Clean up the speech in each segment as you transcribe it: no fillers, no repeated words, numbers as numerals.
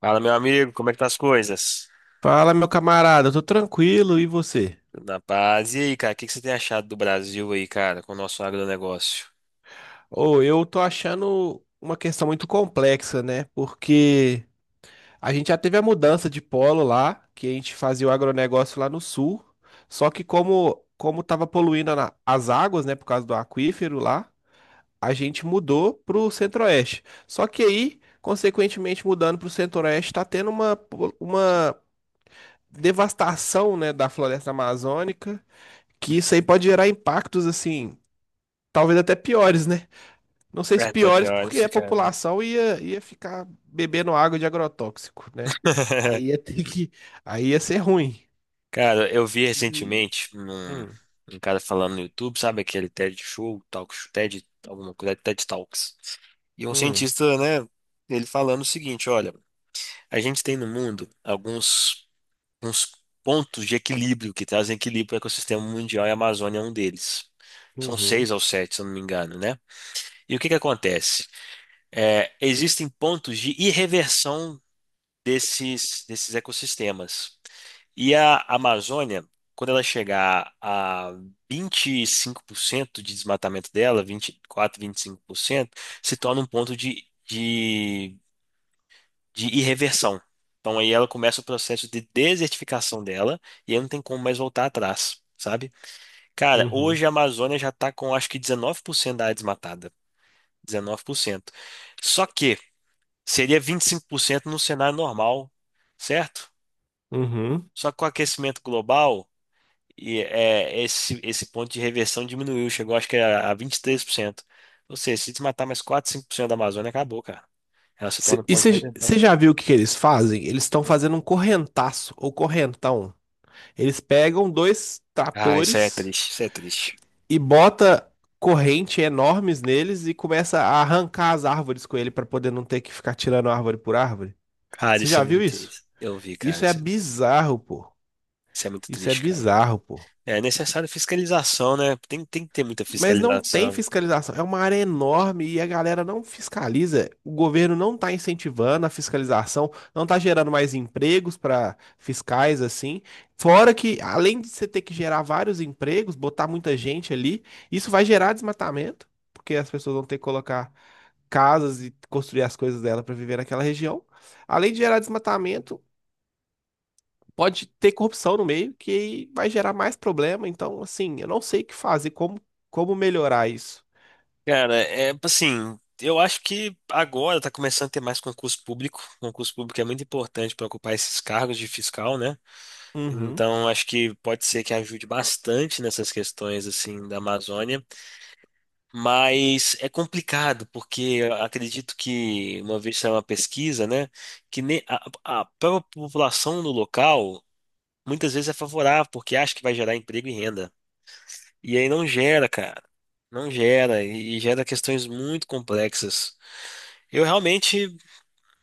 Fala, meu amigo, como é que tá as coisas? Fala, meu camarada, eu tô tranquilo, e você? Tudo na paz. E aí, cara, o que que você tem achado do Brasil aí, cara, com o nosso agronegócio? Ô, eu tô achando uma questão muito complexa, né? Porque a gente já teve a mudança de polo lá, que a gente fazia o agronegócio lá no sul, só que como tava poluindo a as águas, né, por causa do aquífero lá, a gente mudou pro centro-oeste. Só que aí, consequentemente, mudando pro centro-oeste, tá tendo uma, uma devastação, né, da floresta amazônica, que isso aí pode gerar impactos, assim. Talvez até piores, né? Não sei É se até piores, pior porque esse a cara. população ia ficar bebendo água de agrotóxico, né? Aí ia ter que. Aí ia ser ruim. Cara, eu vi E- recentemente um Hum, um cara falando no YouTube, sabe, aquele TED Show, Talk Show, TED, alguma coisa, é TED Talks. E um hum, cientista, né, ele falando o seguinte, olha, a gente tem no mundo alguns uns pontos de equilíbrio que trazem equilíbrio para o ecossistema mundial, e a Amazônia é um deles. São uhum, seis ou sete, se eu não me engano, né? E o que que acontece? É, existem pontos de irreversão desses ecossistemas. E a Amazônia, quando ela chegar a 25% de desmatamento dela, 20, 24%, vinte e cinco por cento, se torna um ponto de irreversão. Então aí ela começa o processo de desertificação dela, e aí não tem como mais voltar atrás, sabe? Cara, uhum, hoje a Amazônia já está com acho que 19% da área desmatada. 19%. Só que seria 25% no cenário normal, certo? uhum. Só que com o aquecimento global, esse ponto de reversão diminuiu, chegou acho que a 23%. Ou seja, se desmatar mais 4, 5% da Amazônia, acabou, cara. Ela se torna um E ponto de você reversão. já viu o que que eles fazem? Eles estão fazendo um correntaço ou correntão. Eles pegam dois Ah, isso aí é tratores triste, isso é triste. e bota corrente enormes neles e começa a arrancar as árvores com ele para poder não ter que ficar tirando árvore por árvore. Cara, Você isso é já viu muito isso? triste. Eu vi, cara, Isso é bizarro, pô. isso é muito Isso é triste, cara. bizarro, pô. É necessário fiscalização, né? Tem que ter muita Mas não tem fiscalização. fiscalização. É uma área enorme e a galera não fiscaliza. O governo não está incentivando a fiscalização, não está gerando mais empregos para fiscais assim. Fora que, além de você ter que gerar vários empregos, botar muita gente ali, isso vai gerar desmatamento, porque as pessoas vão ter que colocar casas e construir as coisas dela para viver naquela região. Além de gerar desmatamento, pode ter corrupção no meio que vai gerar mais problema. Então, assim, eu não sei o que fazer, como, como melhorar isso. Cara, é assim, eu acho que agora tá começando a ter mais concurso público. Concurso público é muito importante para ocupar esses cargos de fiscal, né? Uhum. Então, acho que pode ser que ajude bastante nessas questões assim da Amazônia, mas é complicado porque eu acredito que uma vez saiu uma pesquisa, né, que ne- a, a própria população do local muitas vezes é favorável porque acha que vai gerar emprego e renda. E aí não gera, cara. Não gera, e gera questões muito complexas. Eu realmente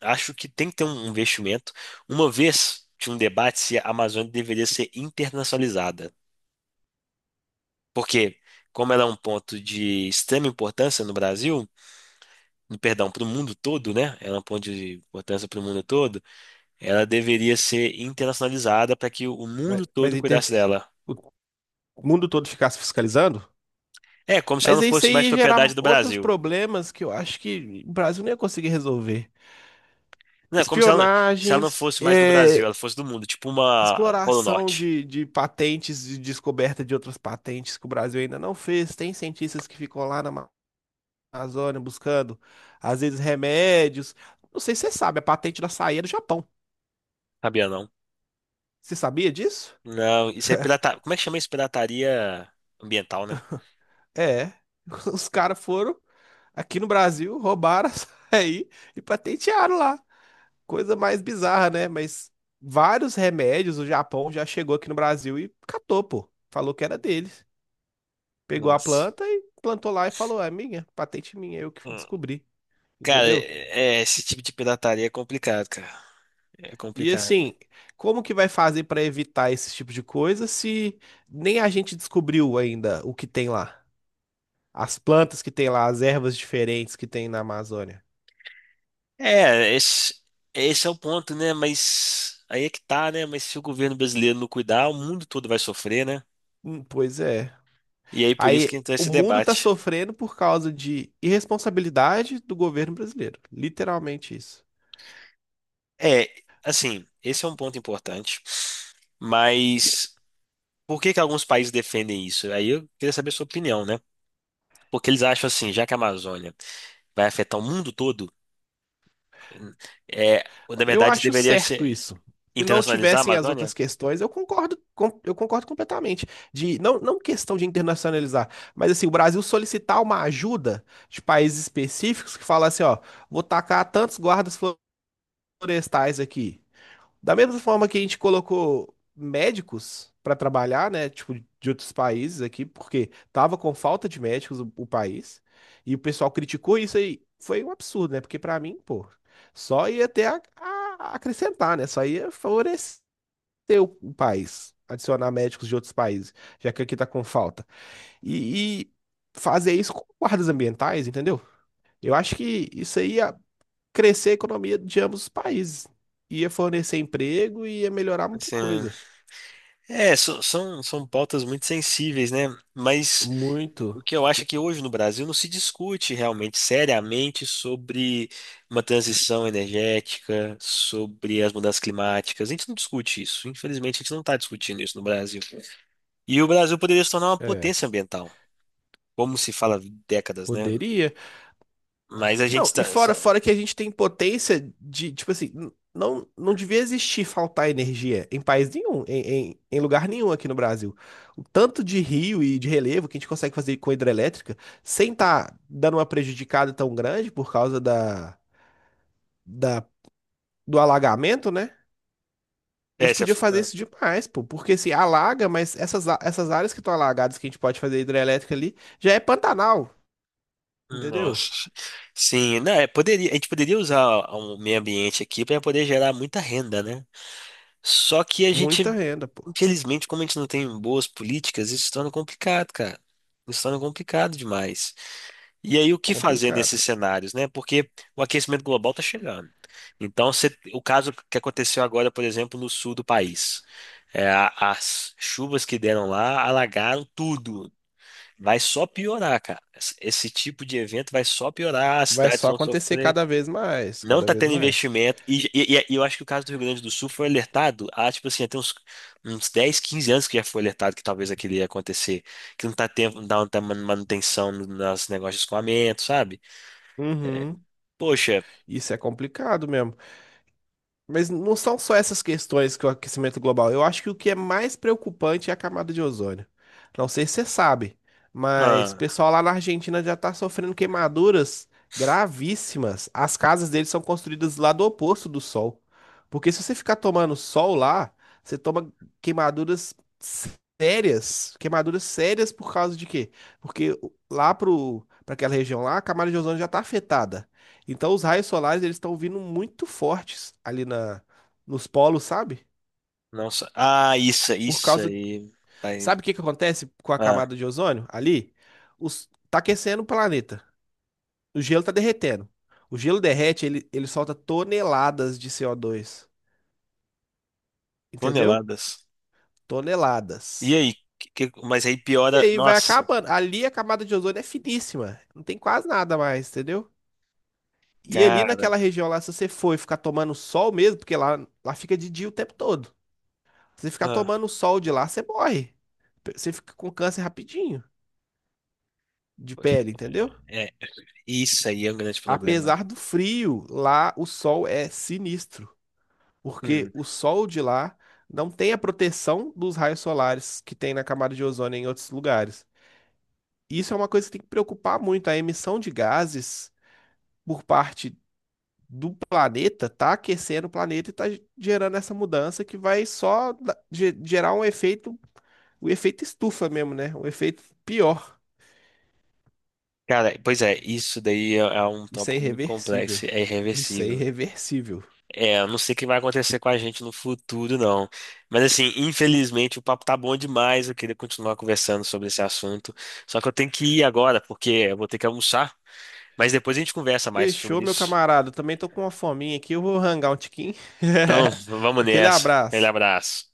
acho que tem que ter um investimento. Uma vez tinha um debate se a Amazônia deveria ser internacionalizada, porque como ela é um ponto de extrema importância no Brasil, perdão, para o mundo todo, né? Ela é um ponto de importância para o mundo todo. Ela deveria ser internacionalizada para que o Mas, mundo mas todo cuidasse dela. o mundo todo ficar se fiscalizando? É como se ela Mas não isso fosse mais aí ia propriedade gerar do outros Brasil. problemas que eu acho que o Brasil não ia conseguir resolver. Não, é como se ela não Espionagens, fosse mais do Brasil, é, ela fosse do mundo, tipo uma Polo exploração Norte. de patentes e descoberta de outras patentes que o Brasil ainda não fez. Tem cientistas que ficam lá na Amazônia buscando, às vezes, remédios. Não sei se você sabe, a patente da açaí é do Japão. Sabia não? Você sabia disso? Não, isso é pirataria. Como é que chama isso? Pirataria ambiental, né? É. Os caras foram aqui no Brasil, roubaram a açaí e patentearam lá. Coisa mais bizarra, né? Mas vários remédios o Japão já chegou aqui no Brasil e catou, pô. Falou que era deles. Pegou a Nossa. planta e plantou lá e falou: é minha, patente minha, eu que Hum. descobri. Cara, Entendeu? Esse tipo de pirataria é complicado, cara. É E complicado. assim, como que vai fazer para evitar esse tipo de coisa se nem a gente descobriu ainda o que tem lá? As plantas que tem lá, as ervas diferentes que tem na Amazônia. É, esse, esse é o ponto, né? Mas aí é que tá, né? Mas se o governo brasileiro não cuidar, o mundo todo vai sofrer, né? Pois é. E aí por isso que Aí entra o esse mundo tá debate. sofrendo por causa de irresponsabilidade do governo brasileiro. Literalmente isso. É, assim, esse é um ponto importante. Mas por que que alguns países defendem isso? Aí eu queria saber a sua opinião, né? Porque eles acham assim, já que a Amazônia vai afetar o mundo todo, é, na Eu verdade, acho deveria certo ser isso. Se não internacionalizar a tivessem as outras Amazônia? questões, eu concordo, eu concordo completamente. De não, não questão de internacionalizar, mas assim, o Brasil solicitar uma ajuda de países específicos que fala assim, ó, vou tacar tantos guardas florestais aqui. Da mesma forma que a gente colocou médicos para trabalhar, né, tipo, de outros países aqui, porque tava com falta de médicos o país, e o pessoal criticou isso aí. Foi um absurdo, né? Porque para mim, pô, só ia ter a acrescentar, né? Só ia favorecer o país, adicionar médicos de outros países, já que aqui tá com falta. E fazer isso com guardas ambientais, entendeu? Eu acho que isso aí crescer a economia de ambos os países. Ia fornecer emprego e ia melhorar muita Assim, coisa. São, são pautas muito sensíveis, né? Mas o Muito. que eu acho é que hoje no Brasil não se discute realmente seriamente sobre uma transição energética, sobre as mudanças climáticas. A gente não discute isso. Infelizmente, a gente não está discutindo isso no Brasil. E o Brasil poderia se tornar uma É, potência ambiental, como se fala há décadas, né? poderia. Mas a gente Não, e está. fora que a gente tem potência de, tipo assim, não, não devia existir faltar energia em país nenhum, em, em lugar nenhum aqui no Brasil. O tanto de rio e de relevo que a gente consegue fazer com hidrelétrica sem estar dando uma prejudicada tão grande por causa da, do alagamento, né? A É, gente você- podia fazer ah, isso demais, pô, porque assim, alaga, mas essas, essas áreas que estão alagadas que a gente pode fazer hidrelétrica ali, já é Pantanal, entendeu? nossa. Sim, né? Poderia, a gente poderia usar o meio ambiente aqui para poder gerar muita renda, né? Só que a gente, Muita renda, pô. infelizmente, como a gente não tem boas políticas, isso se torna complicado, cara. Isso se torna complicado demais. E aí, o que fazer Complicado. nesses cenários, né? Porque o aquecimento global está chegando. Então, o caso que aconteceu agora, por exemplo, no sul do país, as chuvas que deram lá alagaram tudo. Vai só piorar, cara. Esse tipo de evento vai só piorar, as Vai cidades só vão acontecer sofrer, cada vez mais, não cada tá vez tendo mais. investimento. Eu acho que o caso do Rio Grande do Sul foi alertado há, tipo assim, até uns, uns 10, 15 anos que já foi alertado que talvez aquilo ia acontecer, que não tá tendo, manutenção nas negócios de escoamento, sabe? Uhum. Poxa, Isso é complicado mesmo. Mas não são só essas questões que o aquecimento global. Eu acho que o que é mais preocupante é a camada de ozônio. Não sei se você sabe, mas o ah, pessoal lá na Argentina já está sofrendo queimaduras gravíssimas. As casas deles são construídas lá do oposto do sol. Porque se você ficar tomando sol lá, você toma queimaduras sérias. Queimaduras sérias por causa de quê? Porque lá para aquela região lá, a camada de ozônio já está afetada. Então os raios solares eles estão vindo muito fortes ali na nos polos, sabe? nossa, ah, isso, Por isso causa, aí, aí, sabe o que que acontece com a ah, camada de ozônio ali? Os tá aquecendo o planeta. O gelo tá derretendo. O gelo derrete, ele solta toneladas de CO2, entendeu? toneladas. E Toneladas. aí, mas aí E piora, aí vai nossa, acabando. Ali a camada de ozônio é finíssima, não tem quase nada mais, entendeu? E ali cara, naquela região lá, se você for e ficar tomando sol mesmo, porque lá, lá fica de dia o tempo todo. Se você ficar ah, tomando sol de lá, você morre. Você fica com câncer rapidinho de poxa. pele, entendeu? Isso aí é um grande problema. Apesar do frio, lá o sol é sinistro, porque Hum. o sol de lá não tem a proteção dos raios solares que tem na camada de ozônio em outros lugares. Isso é uma coisa que tem que preocupar muito, a emissão de gases por parte do planeta tá aquecendo o planeta e tá gerando essa mudança que vai só gerar um efeito, o efeito estufa mesmo, né? Um efeito pior. Cara, pois é, isso daí é um Isso é tópico muito irreversível. complexo, é Isso é irreversível. irreversível. É, eu não sei o que vai acontecer com a gente no futuro, não. Mas assim, infelizmente o papo tá bom demais, eu queria continuar conversando sobre esse assunto. Só que eu tenho que ir agora, porque eu vou ter que almoçar. Mas depois a gente conversa mais Fechou, sobre meu isso. camarada. Eu também tô com uma fominha aqui. Eu vou rangar um tiquinho. Então, vamos Aquele nessa. Aquele abraço. abraço.